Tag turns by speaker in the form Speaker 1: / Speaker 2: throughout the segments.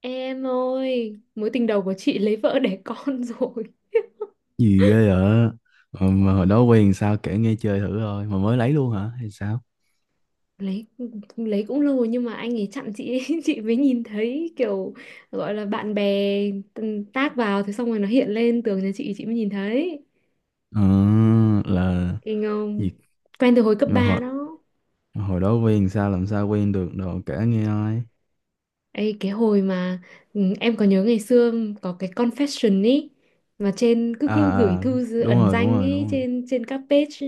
Speaker 1: Em ơi, mối tình đầu của chị lấy vợ đẻ con rồi.
Speaker 2: Gì ghê vậy. Mà hồi đó quen sao kể nghe chơi thử thôi mà mới lấy luôn hả hay sao?
Speaker 1: Lấy lấy cũng lâu rồi nhưng mà anh ấy chặn chị ấy, chị mới nhìn thấy kiểu gọi là bạn bè, tag vào thế xong rồi nó hiện lên tường nhà chị mới nhìn thấy.
Speaker 2: Ờ, là
Speaker 1: Kinh không?
Speaker 2: gì?
Speaker 1: Quen từ hồi cấp
Speaker 2: Nhưng mà
Speaker 1: 3
Speaker 2: hồi
Speaker 1: đó.
Speaker 2: hồi đó quen sao, làm sao quen được, đồ kể nghe ai.
Speaker 1: Ê, cái hồi mà, em có nhớ ngày xưa có cái confession ý, mà trên cứ cứ gửi
Speaker 2: À,
Speaker 1: thư
Speaker 2: đúng
Speaker 1: ẩn
Speaker 2: rồi, đúng
Speaker 1: danh
Speaker 2: rồi,
Speaker 1: ý
Speaker 2: đúng rồi.
Speaker 1: trên trên các page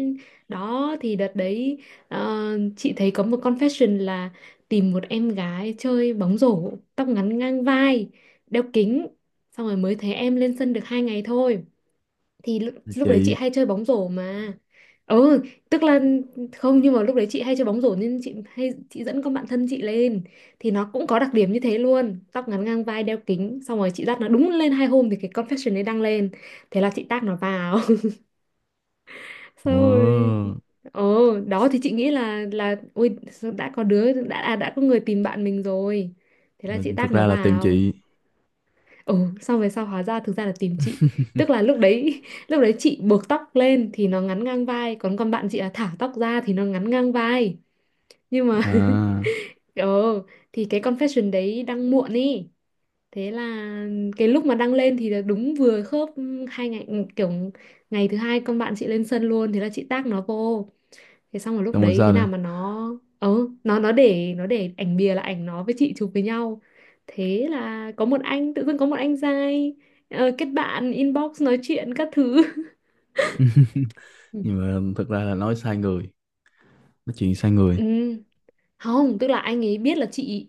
Speaker 1: đó, thì đợt đấy, ờ, chị thấy có một confession là tìm một em gái chơi bóng rổ tóc ngắn ngang vai, đeo kính. Xong rồi mới thấy em lên sân được hai ngày thôi, thì lúc,
Speaker 2: Là
Speaker 1: lúc đấy chị
Speaker 2: chị.
Speaker 1: hay chơi bóng rổ mà. Ừ, tức là không, nhưng mà lúc đấy chị hay chơi bóng rổ nên chị hay dẫn con bạn thân chị lên, thì nó cũng có đặc điểm như thế luôn, tóc ngắn ngang vai đeo kính. Xong rồi chị dắt nó đúng lên hai hôm thì cái confession ấy đăng lên, thế là chị tag nó vào. Xong rồi
Speaker 2: Ờ,
Speaker 1: ồ, đó thì chị nghĩ là ôi sao đã có đứa đã à, đã có người tìm bạn mình rồi, thế là chị
Speaker 2: mình thực
Speaker 1: tag nó
Speaker 2: ra là tìm
Speaker 1: vào.
Speaker 2: chị.
Speaker 1: Ừ, xong về sau hóa ra thực ra là tìm chị. Tức là lúc đấy lúc đấy chị buộc tóc lên thì nó ngắn ngang vai, còn con bạn chị là thả tóc ra thì nó ngắn ngang vai. Nhưng mà
Speaker 2: À,
Speaker 1: ờ thì cái confession đấy đăng muộn ý. Thế là cái lúc mà đăng lên thì là đúng vừa khớp hai ngày. Kiểu ngày thứ hai con bạn chị lên sân luôn, thế là chị tag nó vô. Thế xong rồi lúc
Speaker 2: xong rồi
Speaker 1: đấy
Speaker 2: sao
Speaker 1: thế nào
Speaker 2: nữa?
Speaker 1: mà nó, nó để, nó để ảnh bìa là ảnh nó với chị chụp với nhau, thế là có một anh, tự dưng có một anh giai, kết bạn inbox nói chuyện các thứ. Ừ.
Speaker 2: Nhưng mà thực ra là nói sai người, nói chuyện sai người.
Speaker 1: Ừ. Không, tức là anh ấy biết là chị,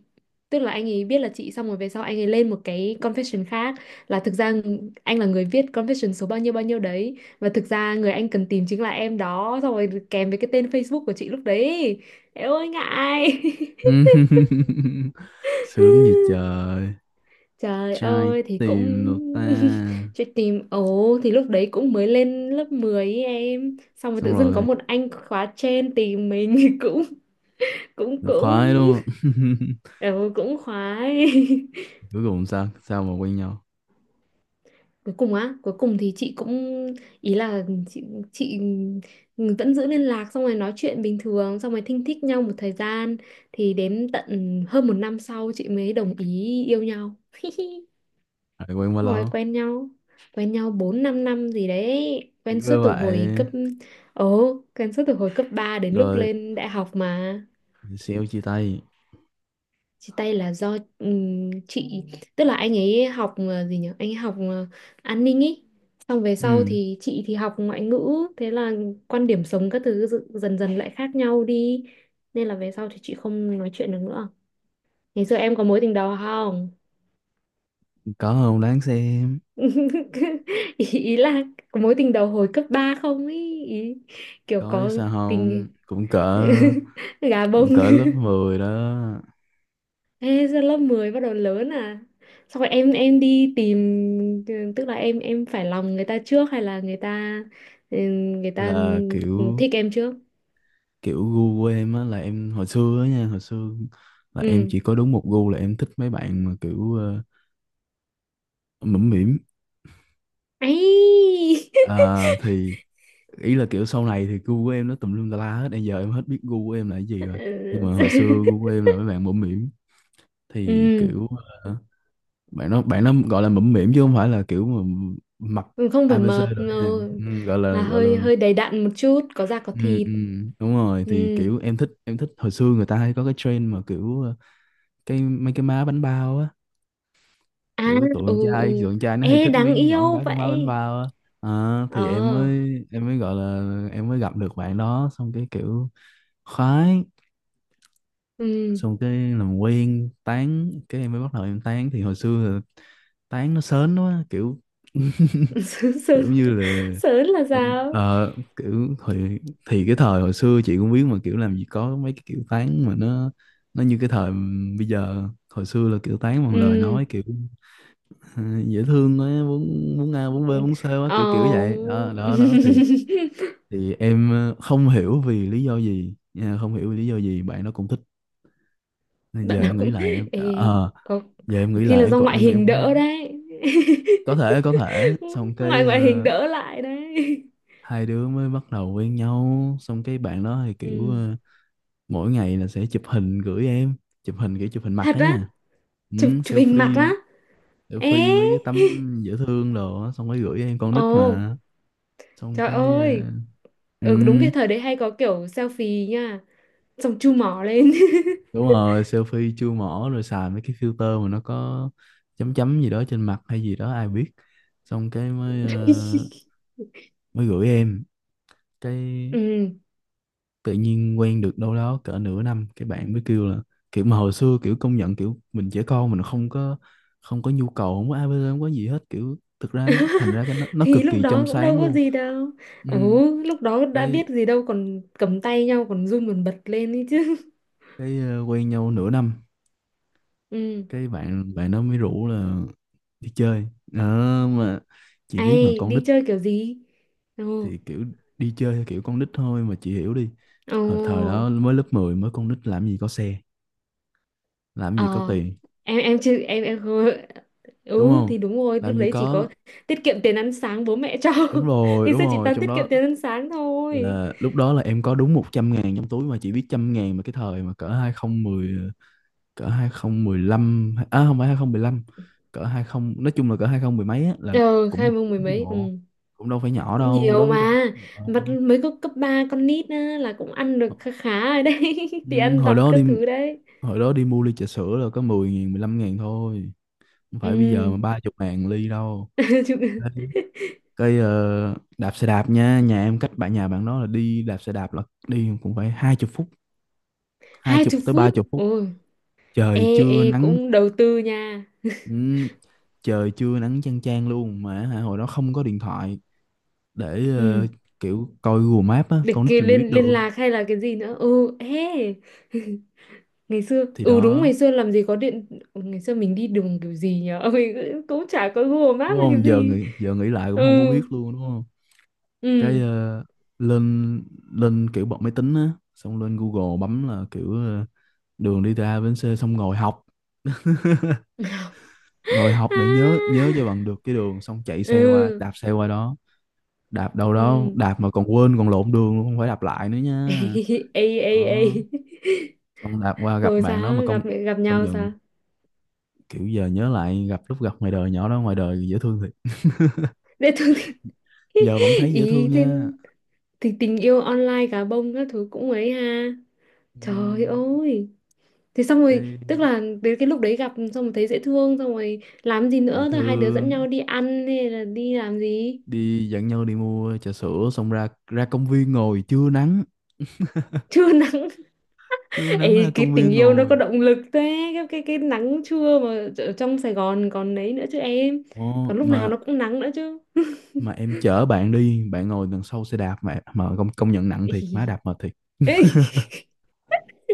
Speaker 1: tức là anh ấy biết là chị. Xong rồi về sau anh ấy lên một cái confession khác, là thực ra anh là người viết confession số bao nhiêu đấy, và thực ra người anh cần tìm chính là em đó, xong rồi kèm với cái tên Facebook của chị lúc đấy. Eo ơi ngại.
Speaker 2: Sướng gì trời,
Speaker 1: Trời
Speaker 2: trai
Speaker 1: ơi thì cũng
Speaker 2: tìm được ta.
Speaker 1: chuyện tìm, ồ thì lúc đấy cũng mới lên lớp 10 ấy em, xong rồi
Speaker 2: Xong
Speaker 1: tự dưng có
Speaker 2: rồi
Speaker 1: một anh khóa trên tìm mình, cũng cũng
Speaker 2: cũng khoái
Speaker 1: cũng
Speaker 2: đúng không?
Speaker 1: ừ, cũng khoái.
Speaker 2: Cuối cùng sao, sao mà quen nhau,
Speaker 1: Cuối cùng á, cuối cùng thì chị cũng, ý là chị vẫn giữ liên lạc, xong rồi nói chuyện bình thường, xong rồi thinh thích nhau một thời gian, thì đến tận hơn một năm sau chị mới đồng ý yêu nhau.
Speaker 2: lại quen bao
Speaker 1: Hồi
Speaker 2: lâu,
Speaker 1: quen nhau, quen nhau bốn 5 năm gì đấy. Quen suốt
Speaker 2: cứ
Speaker 1: từ
Speaker 2: vậy
Speaker 1: hồi cấp, ồ, quen suốt từ hồi cấp 3 đến lúc
Speaker 2: rồi
Speaker 1: lên đại học mà.
Speaker 2: xéo chia tay.
Speaker 1: Chia tay là do, chị, tức là anh ấy học, gì nhỉ, anh ấy học, an ninh ý. Xong về sau
Speaker 2: Ừ,
Speaker 1: thì chị học ngoại ngữ. Thế là quan điểm sống các thứ dần dần lại khác nhau đi, nên là về sau thì chị không nói chuyện được nữa. Ngày xưa em có mối tình đầu không?
Speaker 2: có không đáng xem.
Speaker 1: Ý là có mối tình đầu hồi cấp 3 không, ý, kiểu
Speaker 2: Có chứ
Speaker 1: có
Speaker 2: sao không,
Speaker 1: tình
Speaker 2: cũng cỡ,
Speaker 1: gà bông.
Speaker 2: cũng cỡ lớp 10 đó.
Speaker 1: Ê, giờ lớp 10 bắt đầu lớn à? Xong rồi em đi tìm, tức là em phải lòng người ta trước hay là người ta, ừ, người ta
Speaker 2: Là kiểu
Speaker 1: thích em trước.
Speaker 2: Kiểu gu của em á, là em hồi xưa á nha, hồi xưa là em
Speaker 1: Ừ.
Speaker 2: chỉ có đúng một gu, là em thích mấy bạn mà kiểu mũm mĩm.
Speaker 1: Ấy,
Speaker 2: Thì ý là kiểu sau này thì gu của em nó tùm lum tà la hết, bây giờ em hết biết gu của em là cái gì rồi. Nhưng mà hồi xưa gu của em là mấy bạn bẩm mỉm, thì
Speaker 1: ừ,
Speaker 2: kiểu ờ, bạn nó gọi là bẩm mỉm chứ không phải là kiểu mà mặc
Speaker 1: không phải
Speaker 2: ABC
Speaker 1: mập.
Speaker 2: rồi nha.
Speaker 1: Ừ.
Speaker 2: Ừ, gọi
Speaker 1: Là
Speaker 2: là gọi là
Speaker 1: hơi hơi đầy đặn một chút, có da có
Speaker 2: Ừ,
Speaker 1: thịt.
Speaker 2: ừ, đúng rồi,
Speaker 1: Ừ.
Speaker 2: thì kiểu em thích hồi xưa người ta hay có cái trend mà kiểu cái mấy cái má bánh bao á,
Speaker 1: À,
Speaker 2: kiểu tụi con
Speaker 1: ừ,
Speaker 2: trai tụi
Speaker 1: ừ.
Speaker 2: con trai nó hay
Speaker 1: Ê,
Speaker 2: thích mấy
Speaker 1: đáng
Speaker 2: nhỏ con
Speaker 1: yêu
Speaker 2: gái con má bánh
Speaker 1: vậy.
Speaker 2: bao á. Ờ, thì em
Speaker 1: Ờ,
Speaker 2: mới, em mới gọi là em mới gặp được bạn đó xong cái kiểu khoái.
Speaker 1: ừ.
Speaker 2: Xong cái làm quen tán, cái em mới bắt đầu em tán thì hồi xưa là tán nó sến quá kiểu.
Speaker 1: Sớn,
Speaker 2: Kiểu
Speaker 1: sớn,
Speaker 2: như là
Speaker 1: sớn là sao?
Speaker 2: kiểu thì cái thời hồi xưa chị cũng biết mà, kiểu làm gì có mấy cái kiểu tán mà nó như cái thời bây giờ. Hồi xưa là kiểu tán bằng lời
Speaker 1: Ừ.
Speaker 2: nói, kiểu ờ, dễ thương quá, muốn muốn a muốn b muốn c quá, kiểu kiểu
Speaker 1: Ờ.
Speaker 2: vậy đó, đó, đó. thì thì em không hiểu vì lý do gì nha, không hiểu vì lý do gì bạn nó cũng thích. Giờ
Speaker 1: Bạn nào
Speaker 2: em nghĩ
Speaker 1: cũng...
Speaker 2: lại em,
Speaker 1: Ê, có,
Speaker 2: giờ em
Speaker 1: có
Speaker 2: nghĩ
Speaker 1: khi
Speaker 2: lại
Speaker 1: là
Speaker 2: em
Speaker 1: do
Speaker 2: còn
Speaker 1: ngoại
Speaker 2: em
Speaker 1: hình đỡ
Speaker 2: cũng
Speaker 1: đấy.
Speaker 2: có thể, có thể. Xong cái
Speaker 1: Ngoại ngoại hình đỡ lại đấy.
Speaker 2: hai đứa mới bắt đầu quen nhau, xong cái bạn đó thì kiểu
Speaker 1: Ừ.
Speaker 2: mỗi ngày là sẽ chụp hình gửi em, chụp hình kiểu chụp hình mặt
Speaker 1: Thật
Speaker 2: đó
Speaker 1: á,
Speaker 2: nha. Ừ,
Speaker 1: chụp hình mặt á.
Speaker 2: selfie, selfie
Speaker 1: Ê.
Speaker 2: mấy cái tấm dễ thương đồ á, xong cái gửi em, con
Speaker 1: Ồ,
Speaker 2: nít mà. Xong
Speaker 1: trời
Speaker 2: cái
Speaker 1: ơi.
Speaker 2: ừ,
Speaker 1: Ừ, đúng cái thời đấy hay có kiểu selfie nha. Xong chu mỏ lên.
Speaker 2: đúng rồi, selfie chưa mỏ rồi xài mấy cái filter mà nó có chấm chấm gì đó trên mặt hay gì đó ai biết. Xong cái mới mới gửi em. Cái
Speaker 1: Ừ.
Speaker 2: tự nhiên quen được đâu đó cỡ nửa năm cái bạn mới kêu là, kiểu mà hồi xưa kiểu công nhận kiểu mình trẻ con, mình không có, không có nhu cầu, không có ABC, không có gì hết, kiểu thực ra nó, thành ra cái nó
Speaker 1: Thì
Speaker 2: cực
Speaker 1: lúc
Speaker 2: kỳ
Speaker 1: đó
Speaker 2: trong
Speaker 1: cũng đâu
Speaker 2: sáng
Speaker 1: có
Speaker 2: luôn.
Speaker 1: gì đâu.
Speaker 2: Ừ,
Speaker 1: Ừ, lúc đó đã
Speaker 2: cái
Speaker 1: biết gì đâu, còn cầm tay nhau còn run còn bật lên ấy chứ.
Speaker 2: cái quen nhau nửa năm,
Speaker 1: Ừ.
Speaker 2: cái bạn bạn nó mới rủ là đi chơi. Ờ, mà chị biết mà
Speaker 1: Ai
Speaker 2: con nít
Speaker 1: đi chơi kiểu gì? Ồ.
Speaker 2: thì kiểu đi chơi theo kiểu con nít thôi mà, chị hiểu đi.
Speaker 1: Ồ.
Speaker 2: Hồi thời đó mới lớp 10 mới con nít, làm gì có xe, làm gì có
Speaker 1: Ờ.
Speaker 2: tiền,
Speaker 1: Em chưa em em không.
Speaker 2: đúng
Speaker 1: Ừ
Speaker 2: không,
Speaker 1: thì đúng rồi, lúc
Speaker 2: làm gì
Speaker 1: đấy chỉ có
Speaker 2: có.
Speaker 1: tiết kiệm tiền ăn sáng bố mẹ cho.
Speaker 2: Đúng rồi,
Speaker 1: Ngày
Speaker 2: đúng
Speaker 1: xưa chị
Speaker 2: rồi,
Speaker 1: toàn
Speaker 2: trong
Speaker 1: tiết kiệm
Speaker 2: đó
Speaker 1: tiền ăn sáng thôi.
Speaker 2: là lúc đó là em có đúng 100 ngàn trong túi mà, chỉ biết trăm ngàn mà, cái thời mà cỡ 2010, cỡ hai không một lăm, à không phải hai không một lăm, cỡ hai không, nói chung là cỡ 20 mười mấy á, là
Speaker 1: Ờ,
Speaker 2: cũng
Speaker 1: hai
Speaker 2: bự
Speaker 1: mông mười
Speaker 2: lắm chứ
Speaker 1: mấy.
Speaker 2: bộ,
Speaker 1: Ừ.
Speaker 2: cũng đâu phải nhỏ
Speaker 1: Cũng
Speaker 2: đâu
Speaker 1: nhiều
Speaker 2: đối với con.
Speaker 1: mà,
Speaker 2: Ờ.
Speaker 1: vặt mới có cấp 3 con nít á, là cũng ăn được khá khá rồi đấy, thì
Speaker 2: Ừ,
Speaker 1: ăn
Speaker 2: hồi
Speaker 1: vặt
Speaker 2: đó
Speaker 1: các
Speaker 2: đi
Speaker 1: thứ đấy.
Speaker 2: hồi đó đi mua ly trà sữa là có 10 ngàn, 15 ngàn thôi, không phải bây giờ mà
Speaker 1: Ừ.
Speaker 2: ba chục ngàn ly đâu.
Speaker 1: Chụp-,
Speaker 2: Đấy. Cái đạp xe đạp nha, nhà em cách bạn, nhà bạn đó là đi đạp xe đạp là đi cũng phải hai chục phút, hai
Speaker 1: hai
Speaker 2: chục
Speaker 1: chục
Speaker 2: tới ba
Speaker 1: phút
Speaker 2: chục phút,
Speaker 1: ôi.
Speaker 2: trời
Speaker 1: Ê
Speaker 2: chưa
Speaker 1: ê
Speaker 2: nắng.
Speaker 1: cũng đầu tư nha.
Speaker 2: Ừ, trời chưa nắng chang chang luôn mà, hả, hồi đó không có điện thoại để
Speaker 1: Ừ,
Speaker 2: kiểu coi Google Maps á,
Speaker 1: để
Speaker 2: con nít
Speaker 1: kia
Speaker 2: làm gì biết
Speaker 1: liên liên
Speaker 2: đường.
Speaker 1: lạc hay là cái gì nữa. Ừ, ê. Ngày xưa,
Speaker 2: Thì
Speaker 1: ừ đúng,
Speaker 2: đó,
Speaker 1: ngày xưa làm gì có điện. Ừ, ngày xưa mình đi đường kiểu gì nhở, mình cũng cũng chả có Google Maps
Speaker 2: đúng
Speaker 1: hay cái
Speaker 2: không, giờ
Speaker 1: gì.
Speaker 2: nghĩ, giờ nghĩ lại cũng
Speaker 1: Ừ.
Speaker 2: không có biết luôn đúng không. Cái
Speaker 1: Ừ.
Speaker 2: lên, lên kiểu bật máy tính á, xong lên Google bấm là kiểu đường đi từ A đến C, xong ngồi học, ngồi học để nhớ,
Speaker 1: À.
Speaker 2: nhớ cho bằng được cái đường xong chạy xe qua,
Speaker 1: Ừ.
Speaker 2: đạp xe qua đó. Đạp đâu đó
Speaker 1: Ừ.
Speaker 2: đạp mà còn quên còn lộn đường luôn, không phải đạp lại nữa nha.
Speaker 1: Ê ê ê.
Speaker 2: Đó, xong đạp qua gặp
Speaker 1: Rồi
Speaker 2: bạn đó mà
Speaker 1: sao,
Speaker 2: công,
Speaker 1: gặp gặp
Speaker 2: công
Speaker 1: nhau
Speaker 2: nhận
Speaker 1: sao,
Speaker 2: kiểu giờ nhớ lại gặp, lúc gặp ngoài đời nhỏ đó ngoài đời dễ thương thiệt,
Speaker 1: để thường thì
Speaker 2: giờ vẫn thấy dễ thương
Speaker 1: ý thế,
Speaker 2: nha.
Speaker 1: thì tình yêu online gà bông các thứ cũng ấy ha. Trời
Speaker 2: Ừm,
Speaker 1: ơi. Thế xong rồi tức
Speaker 2: đi
Speaker 1: là đến cái lúc đấy gặp xong rồi thấy dễ thương, xong rồi làm gì
Speaker 2: dễ
Speaker 1: nữa, thôi hai đứa dẫn
Speaker 2: thương,
Speaker 1: nhau đi ăn hay là đi làm gì?
Speaker 2: đi dẫn nhau đi mua trà sữa xong ra, ra công viên ngồi trưa nắng,
Speaker 1: Trưa nắng.
Speaker 2: trưa nắng ra
Speaker 1: Ấy, cái
Speaker 2: công
Speaker 1: tình
Speaker 2: viên
Speaker 1: yêu nó có
Speaker 2: ngồi.
Speaker 1: động lực thế. Cái nắng trưa mà ở trong Sài Gòn còn đấy nữa chứ em,
Speaker 2: Ồ,
Speaker 1: còn lúc nào nó cũng nắng nữa chứ.
Speaker 2: mà em chở bạn đi, bạn ngồi đằng sau xe đạp mà công, công nhận nặng thiệt má,
Speaker 1: Ý.
Speaker 2: đạp mệt thiệt.
Speaker 1: Ê.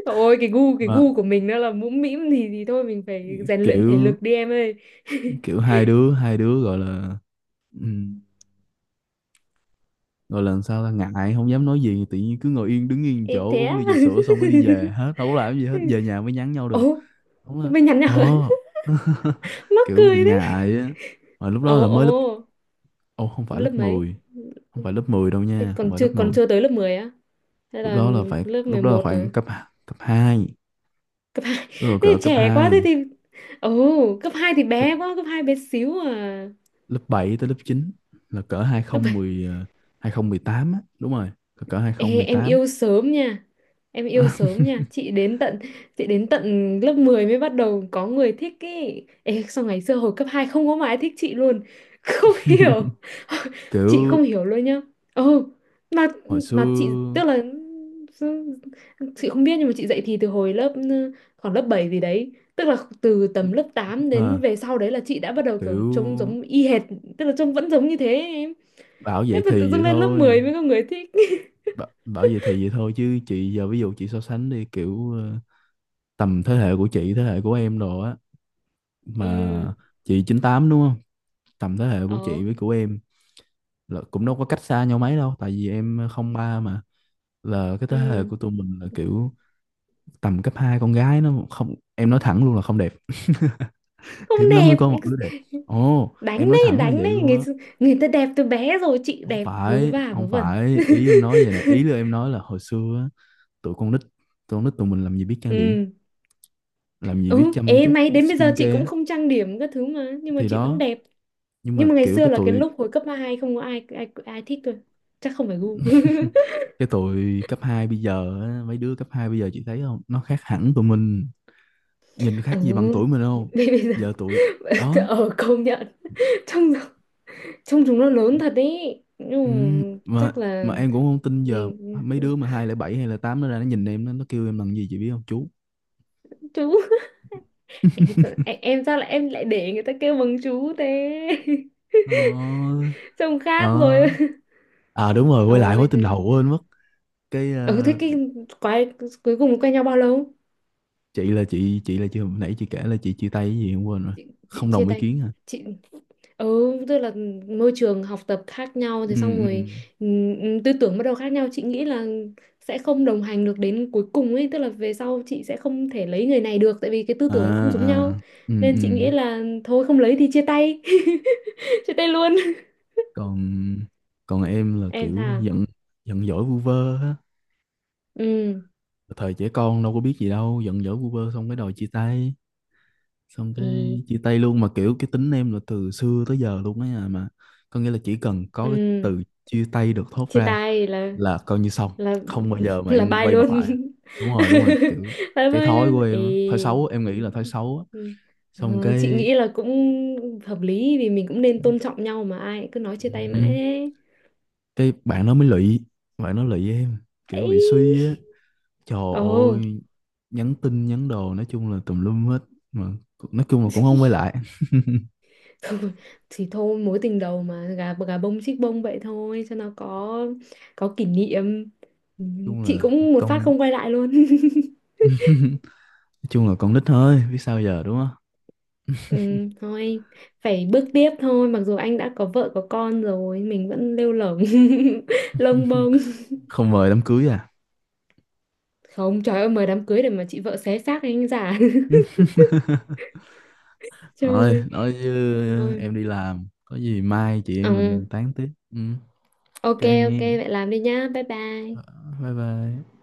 Speaker 1: Ôi cái gu cái
Speaker 2: Mà
Speaker 1: gu của mình nó là mũm mĩm thì thôi mình phải rèn luyện thể
Speaker 2: kiểu
Speaker 1: lực đi em ơi.
Speaker 2: kiểu hai đứa gọi là, ừ, rồi lần sau ta ngại không dám nói gì, tự nhiên cứ ngồi yên, đứng yên
Speaker 1: Ê,
Speaker 2: chỗ,
Speaker 1: thế
Speaker 2: uống
Speaker 1: á.
Speaker 2: ly trà sữa xong cái đi về hết, đâu có làm gì hết, về nhà mới nhắn nhau được.
Speaker 1: Ồ,
Speaker 2: Đúng là,
Speaker 1: mình nhắn nhau.
Speaker 2: ồ.
Speaker 1: Mắc
Speaker 2: Kiểu bị
Speaker 1: cười đấy.
Speaker 2: ngại á, mà lúc
Speaker 1: Ồ
Speaker 2: đó là mới
Speaker 1: ồ,
Speaker 2: lớp, ồ không phải
Speaker 1: lớp
Speaker 2: lớp
Speaker 1: mấy?
Speaker 2: mười, không phải lớp 10 đâu
Speaker 1: Thế
Speaker 2: nha, không
Speaker 1: còn
Speaker 2: phải
Speaker 1: chưa,
Speaker 2: lớp
Speaker 1: còn
Speaker 2: mười.
Speaker 1: chưa tới lớp 10 á? Hay
Speaker 2: Lúc
Speaker 1: là
Speaker 2: đó là phải,
Speaker 1: lớp
Speaker 2: lúc
Speaker 1: mười
Speaker 2: đó là
Speaker 1: một
Speaker 2: khoảng
Speaker 1: rồi?
Speaker 2: cấp, cấp hai,
Speaker 1: Cấp hai. Thế
Speaker 2: rồi cỡ
Speaker 1: thì
Speaker 2: cấp
Speaker 1: trẻ quá, thế
Speaker 2: hai.
Speaker 1: thì ồ, cấp 2 thì
Speaker 2: Lớp,
Speaker 1: bé quá, cấp 2 bé xíu à.
Speaker 2: lớp 7 tới lớp chín, là cỡ
Speaker 1: Lớp,
Speaker 2: 2010 2018 á, đúng rồi, cỡ hai không
Speaker 1: ê,
Speaker 2: mười
Speaker 1: em
Speaker 2: tám.
Speaker 1: yêu sớm nha, em yêu sớm nha. Chị đến tận, chị đến tận lớp 10 mới bắt đầu có người thích ý. Ê, sao ngày xưa hồi cấp 2 không có mà ai thích chị luôn, không hiểu, chị không
Speaker 2: Kiểu
Speaker 1: hiểu luôn nhá. Ừ, mà
Speaker 2: hồi
Speaker 1: mà chị,
Speaker 2: xưa,
Speaker 1: tức là, ừ, chị không biết nhưng mà chị dạy thì từ hồi lớp, khoảng lớp 7 gì đấy, tức là từ tầm lớp 8 đến
Speaker 2: à,
Speaker 1: về sau đấy là chị đã bắt đầu kiểu trông
Speaker 2: kiểu
Speaker 1: giống y hệt, tức là trông vẫn giống như thế em,
Speaker 2: bảo
Speaker 1: thế
Speaker 2: vậy
Speaker 1: mà tự
Speaker 2: thì
Speaker 1: dưng
Speaker 2: vậy
Speaker 1: lên lớp
Speaker 2: thôi.
Speaker 1: 10 mới có người thích.
Speaker 2: Bảo, bảo vậy thì vậy thôi chứ chị giờ ví dụ chị so sánh đi kiểu tầm thế hệ của chị, thế hệ của em đồ á, mà
Speaker 1: Ừ.
Speaker 2: chị chín tám đúng không, tầm thế hệ của chị
Speaker 1: Ờ.
Speaker 2: với của em là cũng đâu có cách xa nhau mấy đâu, tại vì em không ba mà, là cái thế hệ
Speaker 1: Ừ.
Speaker 2: của tụi mình là kiểu tầm cấp 2 con gái nó không, em nói thẳng luôn là không đẹp,
Speaker 1: Không
Speaker 2: hiếm lắm mới
Speaker 1: đẹp.
Speaker 2: có một đứa đẹp. Ồ
Speaker 1: Đánh
Speaker 2: em nói
Speaker 1: đấy
Speaker 2: thẳng là
Speaker 1: đánh
Speaker 2: vậy
Speaker 1: đấy,
Speaker 2: luôn
Speaker 1: người,
Speaker 2: đó.
Speaker 1: người ta đẹp từ bé rồi, chị
Speaker 2: Không
Speaker 1: đẹp vớ
Speaker 2: phải,
Speaker 1: va
Speaker 2: không
Speaker 1: vớ vẩn.
Speaker 2: phải, ý em nói vậy nè, ý là em nói là hồi xưa á, tụi con nít tụi con nít tụi mình làm gì biết trang điểm,
Speaker 1: Ừ.
Speaker 2: làm gì biết
Speaker 1: Ừ,
Speaker 2: chăm
Speaker 1: ê
Speaker 2: chút
Speaker 1: may, đến bây giờ chị
Speaker 2: skincare
Speaker 1: cũng
Speaker 2: á.
Speaker 1: không trang điểm các thứ mà nhưng mà
Speaker 2: Thì
Speaker 1: chị vẫn
Speaker 2: đó,
Speaker 1: đẹp.
Speaker 2: nhưng
Speaker 1: Nhưng
Speaker 2: mà
Speaker 1: mà ngày
Speaker 2: kiểu
Speaker 1: xưa
Speaker 2: cái
Speaker 1: là cái
Speaker 2: tụi,
Speaker 1: lúc hồi cấp 2 không có ai ai ai thích tôi, chắc không phải gu.
Speaker 2: cái tụi cấp 2 bây giờ á, mấy đứa cấp 2 bây giờ chị thấy không, nó khác hẳn tụi mình, nhìn
Speaker 1: Ừ,
Speaker 2: khác gì bằng tuổi mình không.
Speaker 1: bây bây giờ.
Speaker 2: Giờ tụi, đó.
Speaker 1: Ở công nhận, trông, trông chúng nó lớn thật đấy nhưng
Speaker 2: Ừ,
Speaker 1: mà
Speaker 2: mà
Speaker 1: chắc là
Speaker 2: mà em cũng không tin, giờ mấy đứa mà hai lẻ bảy hay là tám nó ra nó nhìn em nó kêu em bằng gì chị biết không, chú.
Speaker 1: chú. Ê, sao, em sao lại, em lại để người ta kêu bằng chú thế?
Speaker 2: Ờ,
Speaker 1: Trông khác rồi.
Speaker 2: đó. À đúng rồi, quay lại mối
Speaker 1: Ôi
Speaker 2: tình
Speaker 1: thế-,
Speaker 2: đầu quên mất. Cái
Speaker 1: ừ thế cái quái, cuối cùng quen nhau bao lâu?
Speaker 2: chị là chị hồi nãy chị kể là chị chia tay cái gì em quên rồi,
Speaker 1: Chị
Speaker 2: không
Speaker 1: chia
Speaker 2: đồng ý
Speaker 1: tay,
Speaker 2: kiến hả.
Speaker 1: chị, ừ, tức là môi trường học tập khác nhau,
Speaker 2: Ừ,
Speaker 1: thế xong
Speaker 2: ừ,
Speaker 1: rồi tư tưởng bắt đầu khác nhau. Chị nghĩ là sẽ không đồng hành được đến cuối cùng ấy, tức là về sau chị sẽ không thể lấy người này được, tại vì cái tư
Speaker 2: à,
Speaker 1: tưởng nó không giống
Speaker 2: à,
Speaker 1: nhau,
Speaker 2: ừ,
Speaker 1: nên
Speaker 2: ừ.
Speaker 1: chị nghĩ là thôi không lấy thì chia tay, chia tay luôn.
Speaker 2: Còn, còn em là
Speaker 1: Em
Speaker 2: kiểu
Speaker 1: thà,
Speaker 2: giận, giận dỗi vu vơ á,
Speaker 1: ừ.
Speaker 2: thời trẻ con đâu có biết gì đâu, giận dỗi vu vơ xong cái đòi chia tay, xong
Speaker 1: Ê,
Speaker 2: cái chia tay luôn. Mà kiểu cái tính em là từ xưa tới giờ luôn á nhà, mà có nghĩa là chỉ cần có cái
Speaker 1: ừ,
Speaker 2: từ chia tay được thốt
Speaker 1: chia
Speaker 2: ra
Speaker 1: tay là,
Speaker 2: là coi như xong,
Speaker 1: là
Speaker 2: không bao giờ mà
Speaker 1: là
Speaker 2: em
Speaker 1: bye
Speaker 2: quay mặt
Speaker 1: luôn.
Speaker 2: lại. Đúng rồi, đúng rồi, kiểu
Speaker 1: Là
Speaker 2: cái
Speaker 1: bye
Speaker 2: thói của
Speaker 1: luôn.
Speaker 2: em á, thói
Speaker 1: Ê,
Speaker 2: xấu, em nghĩ là thói xấu á.
Speaker 1: ừ.
Speaker 2: Xong
Speaker 1: Ờ, chị
Speaker 2: cái
Speaker 1: nghĩ là cũng hợp lý, vì mình cũng nên tôn trọng nhau mà, ai cứ nói chia tay mãi
Speaker 2: ừ,
Speaker 1: ấy.
Speaker 2: cái bạn nó mới lụy, bạn nó lụy em, kiểu bị
Speaker 1: Ấy.
Speaker 2: suy á, trời
Speaker 1: Ồ.
Speaker 2: ơi, nhắn tin, nhắn đồ, nói chung là tùm lum hết mà, nói chung là cũng không quay lại. Nói
Speaker 1: Thôi, thì thôi mối tình đầu mà gà, gà bông chích bông vậy thôi cho nó có kỷ niệm. Ừ,
Speaker 2: chung
Speaker 1: chị
Speaker 2: là
Speaker 1: cũng một phát
Speaker 2: con,
Speaker 1: không quay lại luôn.
Speaker 2: nói chung là con nít thôi biết sao giờ đúng không.
Speaker 1: Ừ, thôi phải bước tiếp thôi, mặc dù anh đã có vợ có con rồi mình vẫn lêu lổng, lông bông.
Speaker 2: Không mời đám cưới à?
Speaker 1: Không, trời ơi, mời đám cưới để mà chị vợ xé xác anh giả. Trời
Speaker 2: Thôi
Speaker 1: ơi.
Speaker 2: nói chứ
Speaker 1: Thôi.
Speaker 2: em đi làm, có gì mai chị em
Speaker 1: Ừ,
Speaker 2: mình tán tiếp. Ừ,
Speaker 1: ok,
Speaker 2: ok
Speaker 1: ok
Speaker 2: nha.
Speaker 1: vậy làm đi nhá, bye bye.
Speaker 2: Ờ, bye bye.